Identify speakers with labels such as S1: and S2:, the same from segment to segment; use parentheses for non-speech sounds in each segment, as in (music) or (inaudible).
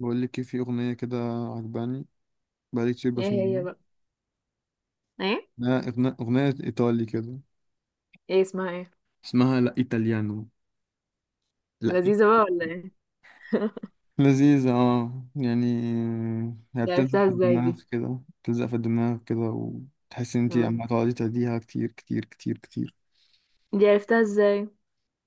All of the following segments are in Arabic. S1: بقول لك إيه، في اغنيه كده عجباني. بقالي كتير
S2: ايه هي
S1: بسمعها.
S2: بقى ايه
S1: إنها اغنيه ايطالي كده.
S2: ايه اسمها؟ ايه
S1: اسمها لا ايطاليانو. لا إي-
S2: لذيذة بقى ولا ايه؟ (laughs)
S1: لذيذه يعني. هي
S2: دي
S1: بتلزق
S2: عرفتها
S1: في
S2: ازاي دي؟
S1: الدماغ كده بتلزق في الدماغ كده وتحس ان انت
S2: آه.
S1: عم تقعدي تهديها كتير كتير كتير كتير.
S2: دي عرفتها ازاي؟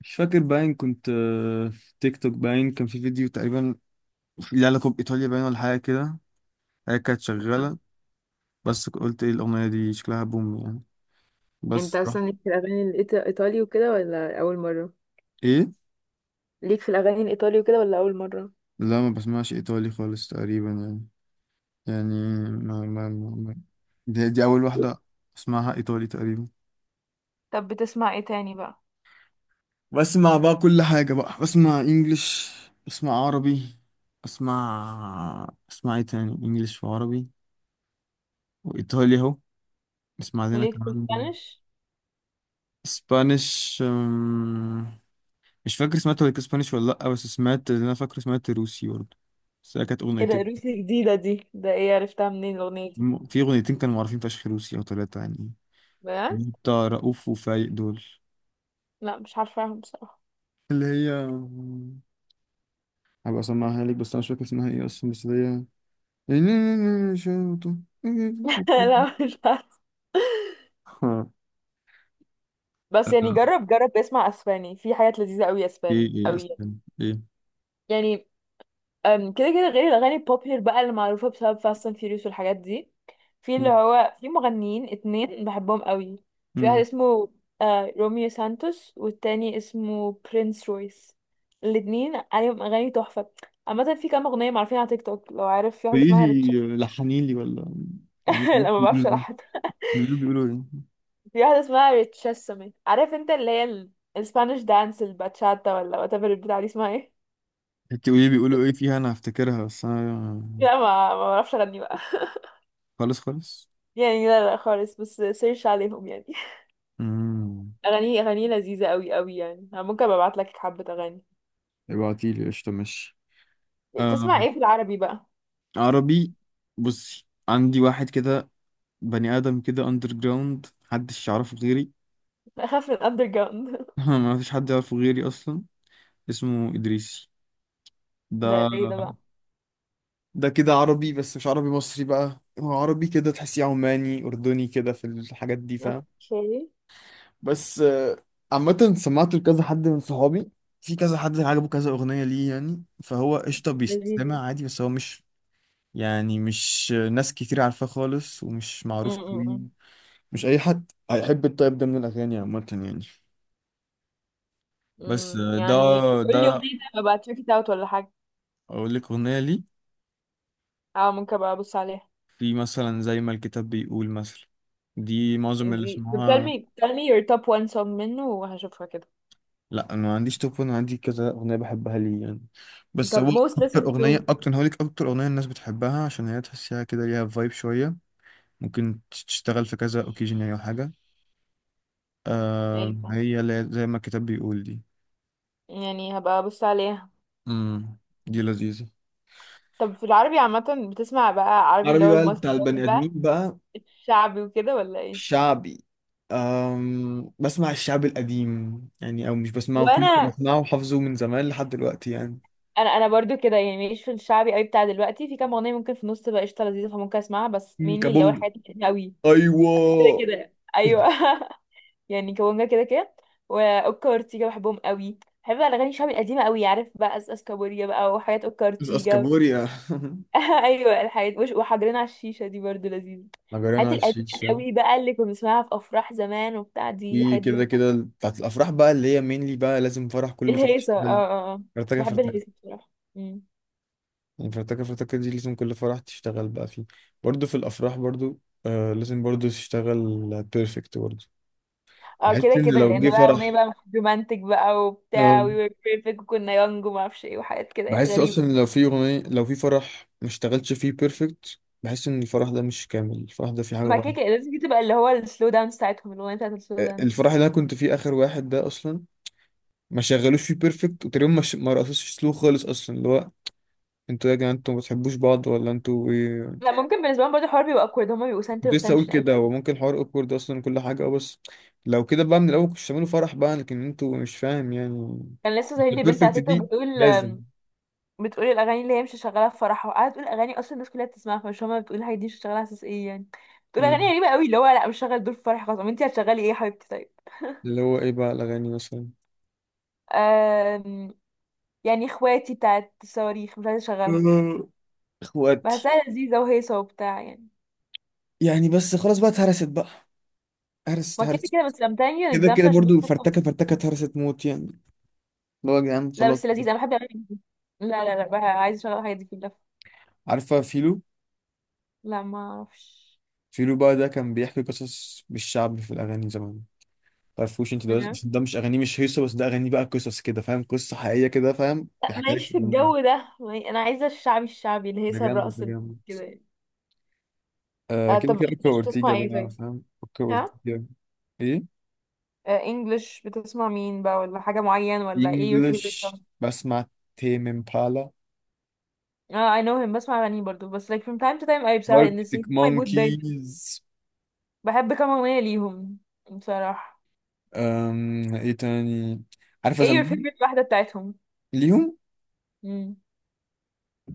S1: مش فاكر باين كنت في تيك توك باين كان في فيديو تقريبا ليه علاقه بايطاليا باين ولا حاجه كده. هي كانت شغاله. بس قلت ايه الاغنيه دي شكلها بوم يعني.
S2: انت
S1: بس رحت-
S2: اصلا ليك في الاغاني الايطالي وكده ولا اول مرة؟
S1: ايه.
S2: ليك في الاغاني الايطالي وكده ولا اول مرة؟
S1: لا ما بسمعش ايطالي خالص تقريبا يعني. يعني ما ما ما ما- دي اول واحده اسمعها ايطالي تقريبا.
S2: طب بتسمع ايه تاني بقى؟
S1: بسمع بقى كل حاجه بقى، بسمع انجليش، بسمع عربي، اسمع ايه تاني، انجليش وعربي وايطالي اهو. بسمع لنا
S2: ليك في
S1: كمان.
S2: الاسبانيش؟
S1: اسبانيش. مش فاكر سمعت ولا اسبانيش ولا لا، بس سمعت اللي انا فاكر سمعت روسي برضه. بس هي كانت
S2: ايه ده،
S1: اغنيتين.
S2: روسي جديدة دي؟ ده ايه، عرفتها منين الاغنية دي؟
S1: في اغنيتين كانوا معروفين فشخ روسي او ثلاثه يعني،
S2: بجد؟
S1: بتاع رؤوف وفايق دول.
S2: لا مش عارفاهم بصراحة.
S1: اللي هي، هبقى اسمعها لك بس انا مش فاكر اسمها ايه اصلا، بس اللي هي.
S2: (laughs) لا مش عارفة.
S1: ها؟
S2: بس يعني جرب اسمع اسباني، في حاجات لذيذة قوي اسباني،
S1: ايه ايه
S2: قوي يعني.
S1: اصلا. ايه.
S2: يعني كده كده غير الأغاني البوبيلر بقى اللي معروفة بسبب فاست اند فيوريوس والحاجات دي، في اللي هو، في مغنيين اتنين بحبهم قوي. في واحد
S1: مم.
S2: اسمه روميو سانتوس والتاني اسمه برينس رويس. الاتنين عليهم أغاني تحفة. عامة في كام أغنية معروفين على تيك توك، لو عارف في واحدة
S1: قولي
S2: اسمها ريتشس.
S1: لي لحني لي ولا. يعني
S2: (laughs) لا ما بعرفش
S1: بيقولوا
S2: ألحن.
S1: بيقولوا بيقولوا ايه.
S2: في واحدة اسمها ريتشسمي عارف انت اللي هي الاسبانيش دانس الباتشاتا ولا whatever البتاع دي اسمها ايه.
S1: انت قولي لي بيقولوا ايه
S2: (laughs)
S1: فيها انا هفتكرها بس انا.
S2: لا ما بعرفش أغني بقى. (laughs)
S1: خالص خالص.
S2: يعني لا، لا خالص، بس سيرش عليهم يعني.
S1: امم.
S2: اغانيه لذيذه قوي قوي يعني، انا ممكن ابقى ابعت لك حبه اغاني.
S1: ابعتي لي قشطه ماشي. آه.
S2: تسمع ايه في العربي بقى؟
S1: عربي. بصي عندي واحد كده، بني ادم كده اندر جراوند محدش يعرفه غيري.
S2: (laughs) اخاف من الاندر جراوند.
S1: (laughs) ما فيش حد يعرفه غيري اصلا. اسمه ادريسي.
S2: (laughs) ده ايه ده بقى؟
S1: ده ده كده عربي بس مش عربي مصري بقى، هو عربي كده تحسيه عماني اردني كده في الحاجات دي فاهم.
S2: اوكي.
S1: بس عامة سمعت لكذا حد من صحابي، في كذا حد عجبه كذا اغنية ليه يعني، فهو قشطة
S2: لذيذ.
S1: بيستمع عادي بس هو مش يعني مش ناس كتير عارفاه خالص ومش
S2: م-
S1: معروف
S2: م-
S1: قوي.
S2: م.
S1: مش اي حد هيحب الطيب ده من الاغاني عامة يعني. بس
S2: م.
S1: ده،
S2: يعني قول لي
S1: ده
S2: اغنيه طيب، ابقى تشيك ات اوت ولا حاجه.
S1: اقول لك اغنية ليه.
S2: اه ممكن ابقى ابص عليها.
S1: في مثلا زي ما الكتاب بيقول مثلا، دي معظم اللي
S2: دي؟ طب tell
S1: اسمها.
S2: me tell me your top one song منه وهشوفها كده.
S1: لا انا ما عنديش توب 1، عندي كذا اغنيه بحبها ليه يعني. بس
S2: طب
S1: هو
S2: most
S1: اكتر
S2: listened to.
S1: اغنيه اكتر أنا هقولك اكتر اغنيه الناس بتحبها عشان هي تحسيها كده ليها فايب شويه، ممكن تشتغل في كذا اوكيجن يعني او حاجه.
S2: ايه بقى؟
S1: هي اللي هي زي ما الكتاب بيقول دي.
S2: يعني هبقى ابص عليها.
S1: امم. دي لذيذه.
S2: طب في العربي عامة بتسمع بقى عربي اللي
S1: عربي
S2: هو
S1: بقى
S2: المصري
S1: بتاع البني آدمين
S2: بقى،
S1: بقى.
S2: الشعبي وكده ولا ايه؟
S1: شعبي. بسمع الشعب القديم يعني، أو مش بسمعه كنت
S2: وانا،
S1: بسمعه وحافظه من زمان لحد دلوقتي يعني.
S2: انا برضو كده يعني، ماليش في الشعبي قوي بتاع دلوقتي، في كام اغنيه ممكن في النص تبقى قشطه لذيذه فممكن اسمعها بس
S1: مم،
S2: مينلي اللي هو
S1: كابونجا.
S2: الحاجات القديمه قوي. كده
S1: ايوه.
S2: كده ايوه. (laughs) يعني كونجا كده كده، واوكا وارتيجا بحبهم قوي، بحب بقى الاغاني الشعبي القديمه قوي، عارف بقى اساس كابوريا بقى وحاجات اوكا
S1: بس
S2: وارتيجا.
S1: اسكابوريا. (laughs)
S2: (laughs) ايوه الحاجات، وحجرين على الشيشه دي برضو لذيذه، الحاجات
S1: مجرنا
S2: القديمه
S1: الشيش شام.
S2: قوي بقى اللي كنا بنسمعها في افراح زمان وبتاع، دي
S1: في
S2: الحاجات دي
S1: كده
S2: بحبها.
S1: كده بتاعت الافراح بقى اللي هي مينلي بقى، لازم فرح كل فرح
S2: الهيصه، اه،
S1: تشتغل
S2: اه، آه.
S1: فرتكه
S2: بحب الهيصه
S1: فرتكه
S2: بصراحه.
S1: يعني. فرتكه فرتكه دي لازم كل فرح تشتغل بقى فيه. برضه في الافراح برضه، لازم برضه تشتغل بيرفكت برضه.
S2: اه
S1: بحس
S2: كده
S1: ان
S2: كده،
S1: لو
S2: لان
S1: جه
S2: بقى
S1: فرح،
S2: اغنيه بقى رومانتك بقى وبتاع، وي
S1: آه.
S2: وير بيرفكت وكنا يونج وما اعرفش ايه وحاجات كده
S1: بحس
S2: غريبه.
S1: اصلا لو في اغنيه، لو في فرح ما اشتغلتش فيه بيرفكت بحس ان الفرح ده مش كامل، الفرح ده فيه حاجه
S2: ما كده
S1: غلط.
S2: كده لازم دي تبقى اللي هو السلو دانس بتاعتهم، الاغنيه بتاعت السلو دانس.
S1: الفرح اللي انا كنت فيه اخر واحد ده اصلا ما شغلوش فيه بيرفكت، وتقريبا ما رقصوش سلو خالص اصلا، اللي هو انتوا يا جماعه انتوا ما بتحبوش بعض ولا انتوا ايه؟
S2: لا ممكن بالنسبه لهم برضه الحوار بيبقى awkward، هما بيبقوا سنتر
S1: كنت
S2: اوف
S1: لسه اقول
S2: اتنشن قوي.
S1: كده، هو ممكن الحوار اوكورد اصلا كل حاجه بس. لو كده بقى من الاول كنتش تعملوا فرح بقى، لكن انتوا مش فاهم يعني.
S2: كان لسه
S1: (laughs)
S2: ظاهر لي بنت على
S1: البيرفكت
S2: تيك توك
S1: دي
S2: بتقول
S1: لازم.
S2: آم، بتقول الاغاني اللي هي مش شغاله في فرحها، وقاعده تقول اغاني اصلا الناس كلها بتسمعها فمش، هما بتقول الحاجات دي مش شغاله على اساس ايه يعني. بتقول اغاني
S1: مم.
S2: غريبه قوي اللي هو لا مش شغال دول في فرحي خلاص، طب انت هتشغلي ايه يا حبيبتي طيب؟
S1: اللي هو ايه بقى الاغاني مثلا.
S2: آم، يعني اخواتي بتاعت الصواريخ مش عايزه
S1: (laughs)
S2: اشغلها؟
S1: آه، اخواتي.
S2: بحسها لذيذة وهيصة وبتاع يعني.
S1: يعني بس خلاص بقى اتهرست بقى، هرست
S2: ما كده
S1: هرست.
S2: كده بس I'm telling you an
S1: كده
S2: example
S1: كده
S2: عشان بس
S1: برضو
S2: تفهم.
S1: فرتكه فرتكه اتهرست موت يعني، اللي هو يا جدعان
S2: لا
S1: خلاص.
S2: بس لذيذة، أنا بحب الأغاني دي. لا، لا، لا بقى، عايزة أشغل الحاجات دي كلها.
S1: عارفه فيلو؟
S2: لا ما أعرفش.
S1: فيلو بقى ده كان بيحكي قصص بالشعب في الأغاني زمان. تعرفوش انت؟ ده
S2: ما-
S1: ده مش اغانيه مش هيصه، بس ده اغانيه بقى قصص كده فاهم، قصه حقيقيه كده فاهم،
S2: لا
S1: دي حكايه
S2: ماليش في
S1: الدنيا.
S2: الجو ده، أنا عايزة الشعبي، الشعبي،
S1: ده
S2: الهيصة،
S1: جامد ده
S2: الرقص،
S1: جامد.
S2: كده يعني.
S1: كده
S2: طب
S1: كده اوكا
S2: إنجلش
S1: اورتيجا
S2: بتسمع إيه
S1: بقى
S2: طيب؟
S1: فاهم اوكا
S2: ها؟
S1: اورتيجا. ايه.
S2: إنجلش بتسمع مين بقى، ولا حاجة معين، ولا إيه your favorite
S1: انجلش
S2: song؟
S1: بسمع تيم امبالا،
S2: اه I know him، بسمع أغاني برضو بس like from time to time، أي بصراحة إن
S1: اركتيك
S2: my mood دايما
S1: مونكيز.
S2: بحب كام أغنية ليهم بصراحة.
S1: ايه تاني؟ عارفه
S2: إيه your
S1: زمان.
S2: favorite واحدة بتاعتهم؟
S1: ليهم؟
S2: مم.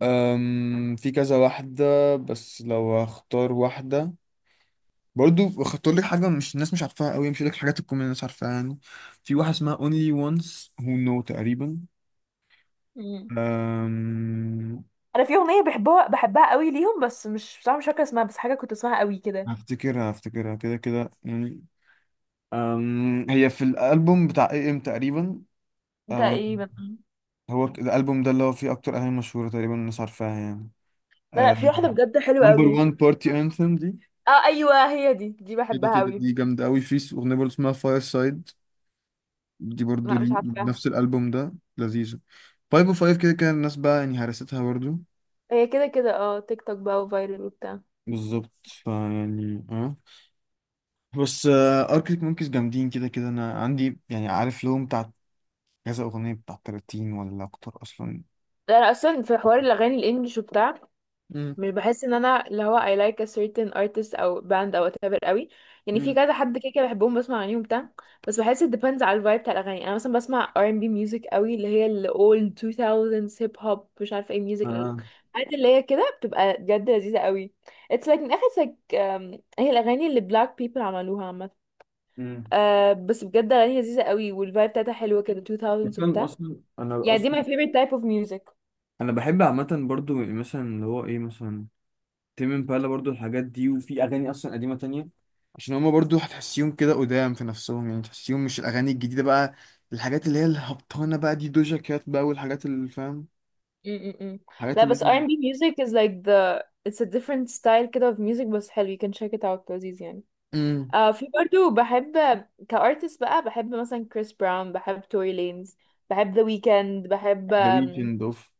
S1: في كذا واحده، بس لو هختار واحده، برضو خدت لك حاجة مش الناس مش عارفاها قوي، مش لك حاجات تكون الناس عارفاها يعني. في واحدة اسمها Only Once Who Know تقريبا.
S2: مم.
S1: أم...
S2: انا في اغنيه بحبها، بحبها قوي ليهم بس مش، بصراحه مش فاكره اسمها، بس حاجه كنت اسمها قوي كده.
S1: هفتكرها كده كده يعني. هي في الألبوم بتاع اي ام تقريبا. أم...
S2: تقريبا.
S1: هو الألبوم ده اللي هو فيه أكتر أغاني مشهورة تقريبا الناس عارفاها يعني.
S2: لا لا، في واحده بجد حلوه
S1: نمبر
S2: قوي.
S1: 1 بارتي انثم دي،
S2: اه ايوه هي دي
S1: كده
S2: بحبها
S1: كده
S2: قوي.
S1: دي جامدة قوي. في أغنية برضو اسمها فاير سايد، دي برضو
S2: لا مش
S1: لي،
S2: عارفاها.
S1: نفس الالبوم ده، لذيذه. 505 كده كده الناس بقى يعني هرستها برضو،
S2: هي كده كده، تيك توك بقى وفايرل وبتاع.
S1: بالظبط فيعني بس اركتيك مونكيز جامدين كده كده، انا عندي يعني عارف لهم بتاع كذا اغنيه بتاع 30 ولا اكتر اصلا.
S2: ده انا اصلا في حوار الاغاني الانجليش وبتاع
S1: مم.
S2: مش بحس ان انا اللي هو I like a certain artist او band او whatever قوي، يعني في
S1: امم
S2: كذا حد كده كده بحبهم، بسمع اغانيهم بتاع، بس بحس it depends على الفايب بتاع الاغاني. انا مثلا بسمع R&B music قوي اللي هي ال old 2000s hip hop مش عارفه ايه music،
S1: اه
S2: الحاجات اللي هي كده بتبقى بجد لذيذه قوي. it's like من اخر like، هي الاغاني اللي black people عملوها عامه.
S1: امم
S2: بس بجد اغاني لذيذه قوي والفايب بتاعتها حلوه كده، 2000s
S1: اصلا
S2: وبتاع
S1: اصلا انا
S2: يعني، دي
S1: اصلا
S2: my favorite type of music.
S1: انا بحب عامه برضو مثلا اللي هو ايه مثلا تيم امبالا برضو، الحاجات دي، وفي اغاني اصلا قديمه تانية عشان هما برضو هتحسيهم كده قدام في نفسهم يعني، تحسيهم مش الاغاني الجديده بقى، الحاجات اللي هي الهبطانه بقى دي دوجا كات بقى والحاجات اللي فاهم،
S2: م-م-م.
S1: الحاجات
S2: لا
S1: اللي
S2: بس
S1: هي
S2: R&B music is like the it's a different style كده of music، بس حلو you can check it out، لذيذ يعني.
S1: امم
S2: في برضو بحب كارتست بقى، بحب مثلا كريس براون، بحب توري لينز، بحب ذا ويكند، بحب
S1: ذا ويكند اوف.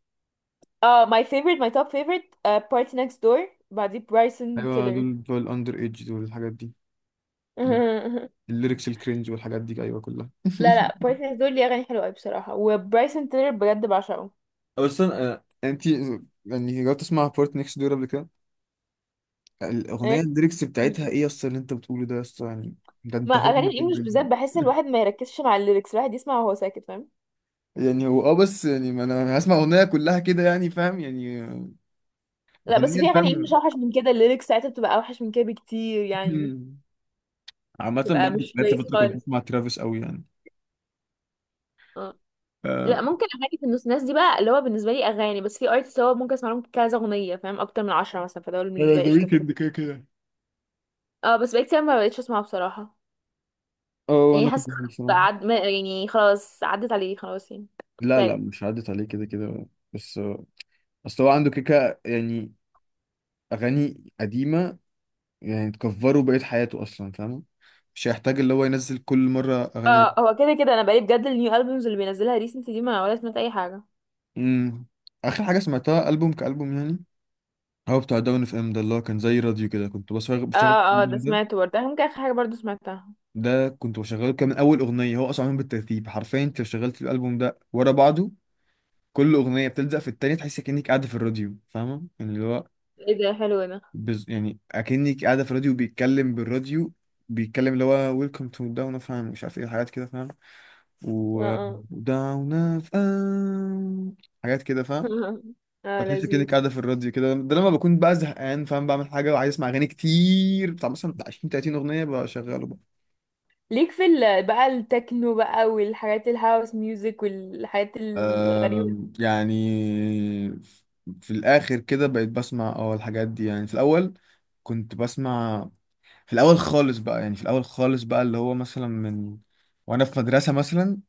S2: اه my top favorite party next door، بعديه برايسون
S1: ايوه
S2: تيلر.
S1: دول بتوع الاندر ايدج دول الحاجات دي،
S2: (laughs)
S1: الليركس الكرنج والحاجات دي، ايوه كلها.
S2: لا لا
S1: (laughs)
S2: party next door ليه اغاني حلوه قوي بصراحه، وبرايسون تيلر بجد بعشقه.
S1: اصلا انت يعني جربت تسمع بورت نيكست دور قبل كده؟ الاغنيه
S2: إيه؟
S1: الليركس بتاعتها ايه اصلا اللي انت بتقوله ده اصلا يعني. ده
S2: ما
S1: انت
S2: اغاني
S1: هورن
S2: الانجليش
S1: جدا
S2: بالذات
S1: يعني.
S2: بحس ان
S1: (laughs)
S2: الواحد ما يركزش مع الليركس، الواحد يسمع وهو ساكت فاهم.
S1: يعني هو بس يعني ما انا هسمع اغنيه كلها كده يعني فاهم يعني،
S2: لا بس
S1: اغنيه
S2: في اغاني انجلش
S1: فاهم.
S2: اوحش من كده، الليركس ساعتها بتبقى اوحش من كده بكتير يعني،
S1: مم. عامة
S2: بتبقى
S1: برضه
S2: مش
S1: جات
S2: كويس
S1: لي فترة كنت
S2: خالص.
S1: بسمع ترافيس قوي يعني.
S2: اه.
S1: آه.
S2: لا ممكن اغاني في النص ناس دي بقى اللي هو بالنسبه لي اغاني، بس في ارتست هو ممكن اسمع لهم كذا اغنيه فاهم، اكتر من 10 مثلا، فدول
S1: انا
S2: بالنسبه لي
S1: ذا
S2: قشطه.
S1: ويكند كده كده،
S2: اه بس بقيت كتير ما بقتش اسمعه بصراحه.
S1: اه
S2: يعني
S1: انا
S2: حاسه
S1: كنت بحب بصراحه.
S2: بقى، يعني خلاص عدت عليه خلاص يعني،
S1: لا لا
S2: كفايه.
S1: مش عدت عليه كده كده. بس اصل هو عنده كيكة يعني، اغاني قديمة، يعني تكفره بقية حياته اصلا فاهم، مش هيحتاج اللي هو ينزل كل مرة اغاني.
S2: اه هو كده كده، انا بقالي بجد النيو البومز اللي بينزلها ريسنت دي ما ولا سمعت اي حاجه.
S1: امم اخر حاجة سمعتها البوم كالبوم يعني، هو بتاع داون اف ام ده، اللي هو كان زي راديو كده، كنت بشغل
S2: اه، اه ده سمعته برضه ممكن اخر حاجه برضه سمعتها.
S1: ده كنت بشغله. كان من اول اغنيه هو اصلا معمول بالترتيب حرفيا، انت لو شغلت الالبوم ده ورا بعضه كل اغنيه بتلزق في التانيه تحس كانك قاعده في الراديو فاهمه يعني، اللي هو
S2: ايه ده حلو ده.
S1: يعني اكنك قاعده في الراديو بيتكلم بالراديو، بيتكلم اللي هو ويلكم تو داون اوف مش عارف ايه، حاجات كده فاهم،
S2: اه،
S1: و
S2: اه.
S1: داون اوف، حاجات كده فاهم.
S2: (laughs) اه
S1: فتحس كأنك
S2: لذيذ.
S1: قاعدة في الراديو كده. ده لما بكون بقى زهقان فاهم، بعمل حاجة وعايز اسمع أغاني كتير بتاع مثلا بتاع 20 30 أغنية بشغله.
S2: ليك في بقى التكنو بقى والحاجات الهاوس ميوزك والحاجات الغريبة؟
S1: يعني في الآخر كده بقيت بسمع الحاجات دي يعني. في الأول كنت بسمع، في الأول خالص بقى، يعني في الأول خالص بقى اللي هو مثلا من وأنا في مدرسة مثلا،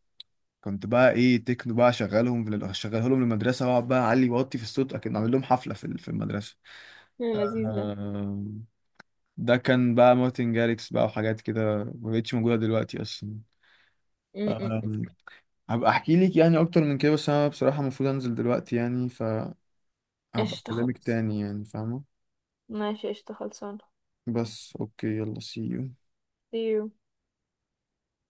S1: كنت بقى إيه تكنو بقى شغالهم، في شغاله لهم للمدرسة وأقعد بقى أعلي وأوطي في الصوت أكيد أعمل لهم حفلة في المدرسة.
S2: اللذيذ ده.
S1: آم، ده كان بقى مارتن جاريكس بقى وحاجات كده ما بقتش موجودة دلوقتي أصلا.
S2: م- م- م.
S1: آم، هبقى أحكي لك يعني أكتر من كده بس أنا بصراحة المفروض أنزل دلوقتي يعني، ف هبقى
S2: قشطة
S1: اكلمك
S2: خالص.
S1: تاني يعني فاهمة.
S2: ماشي قشطة خلصانة.
S1: بس اوكي يلا سي يو.
S2: See you.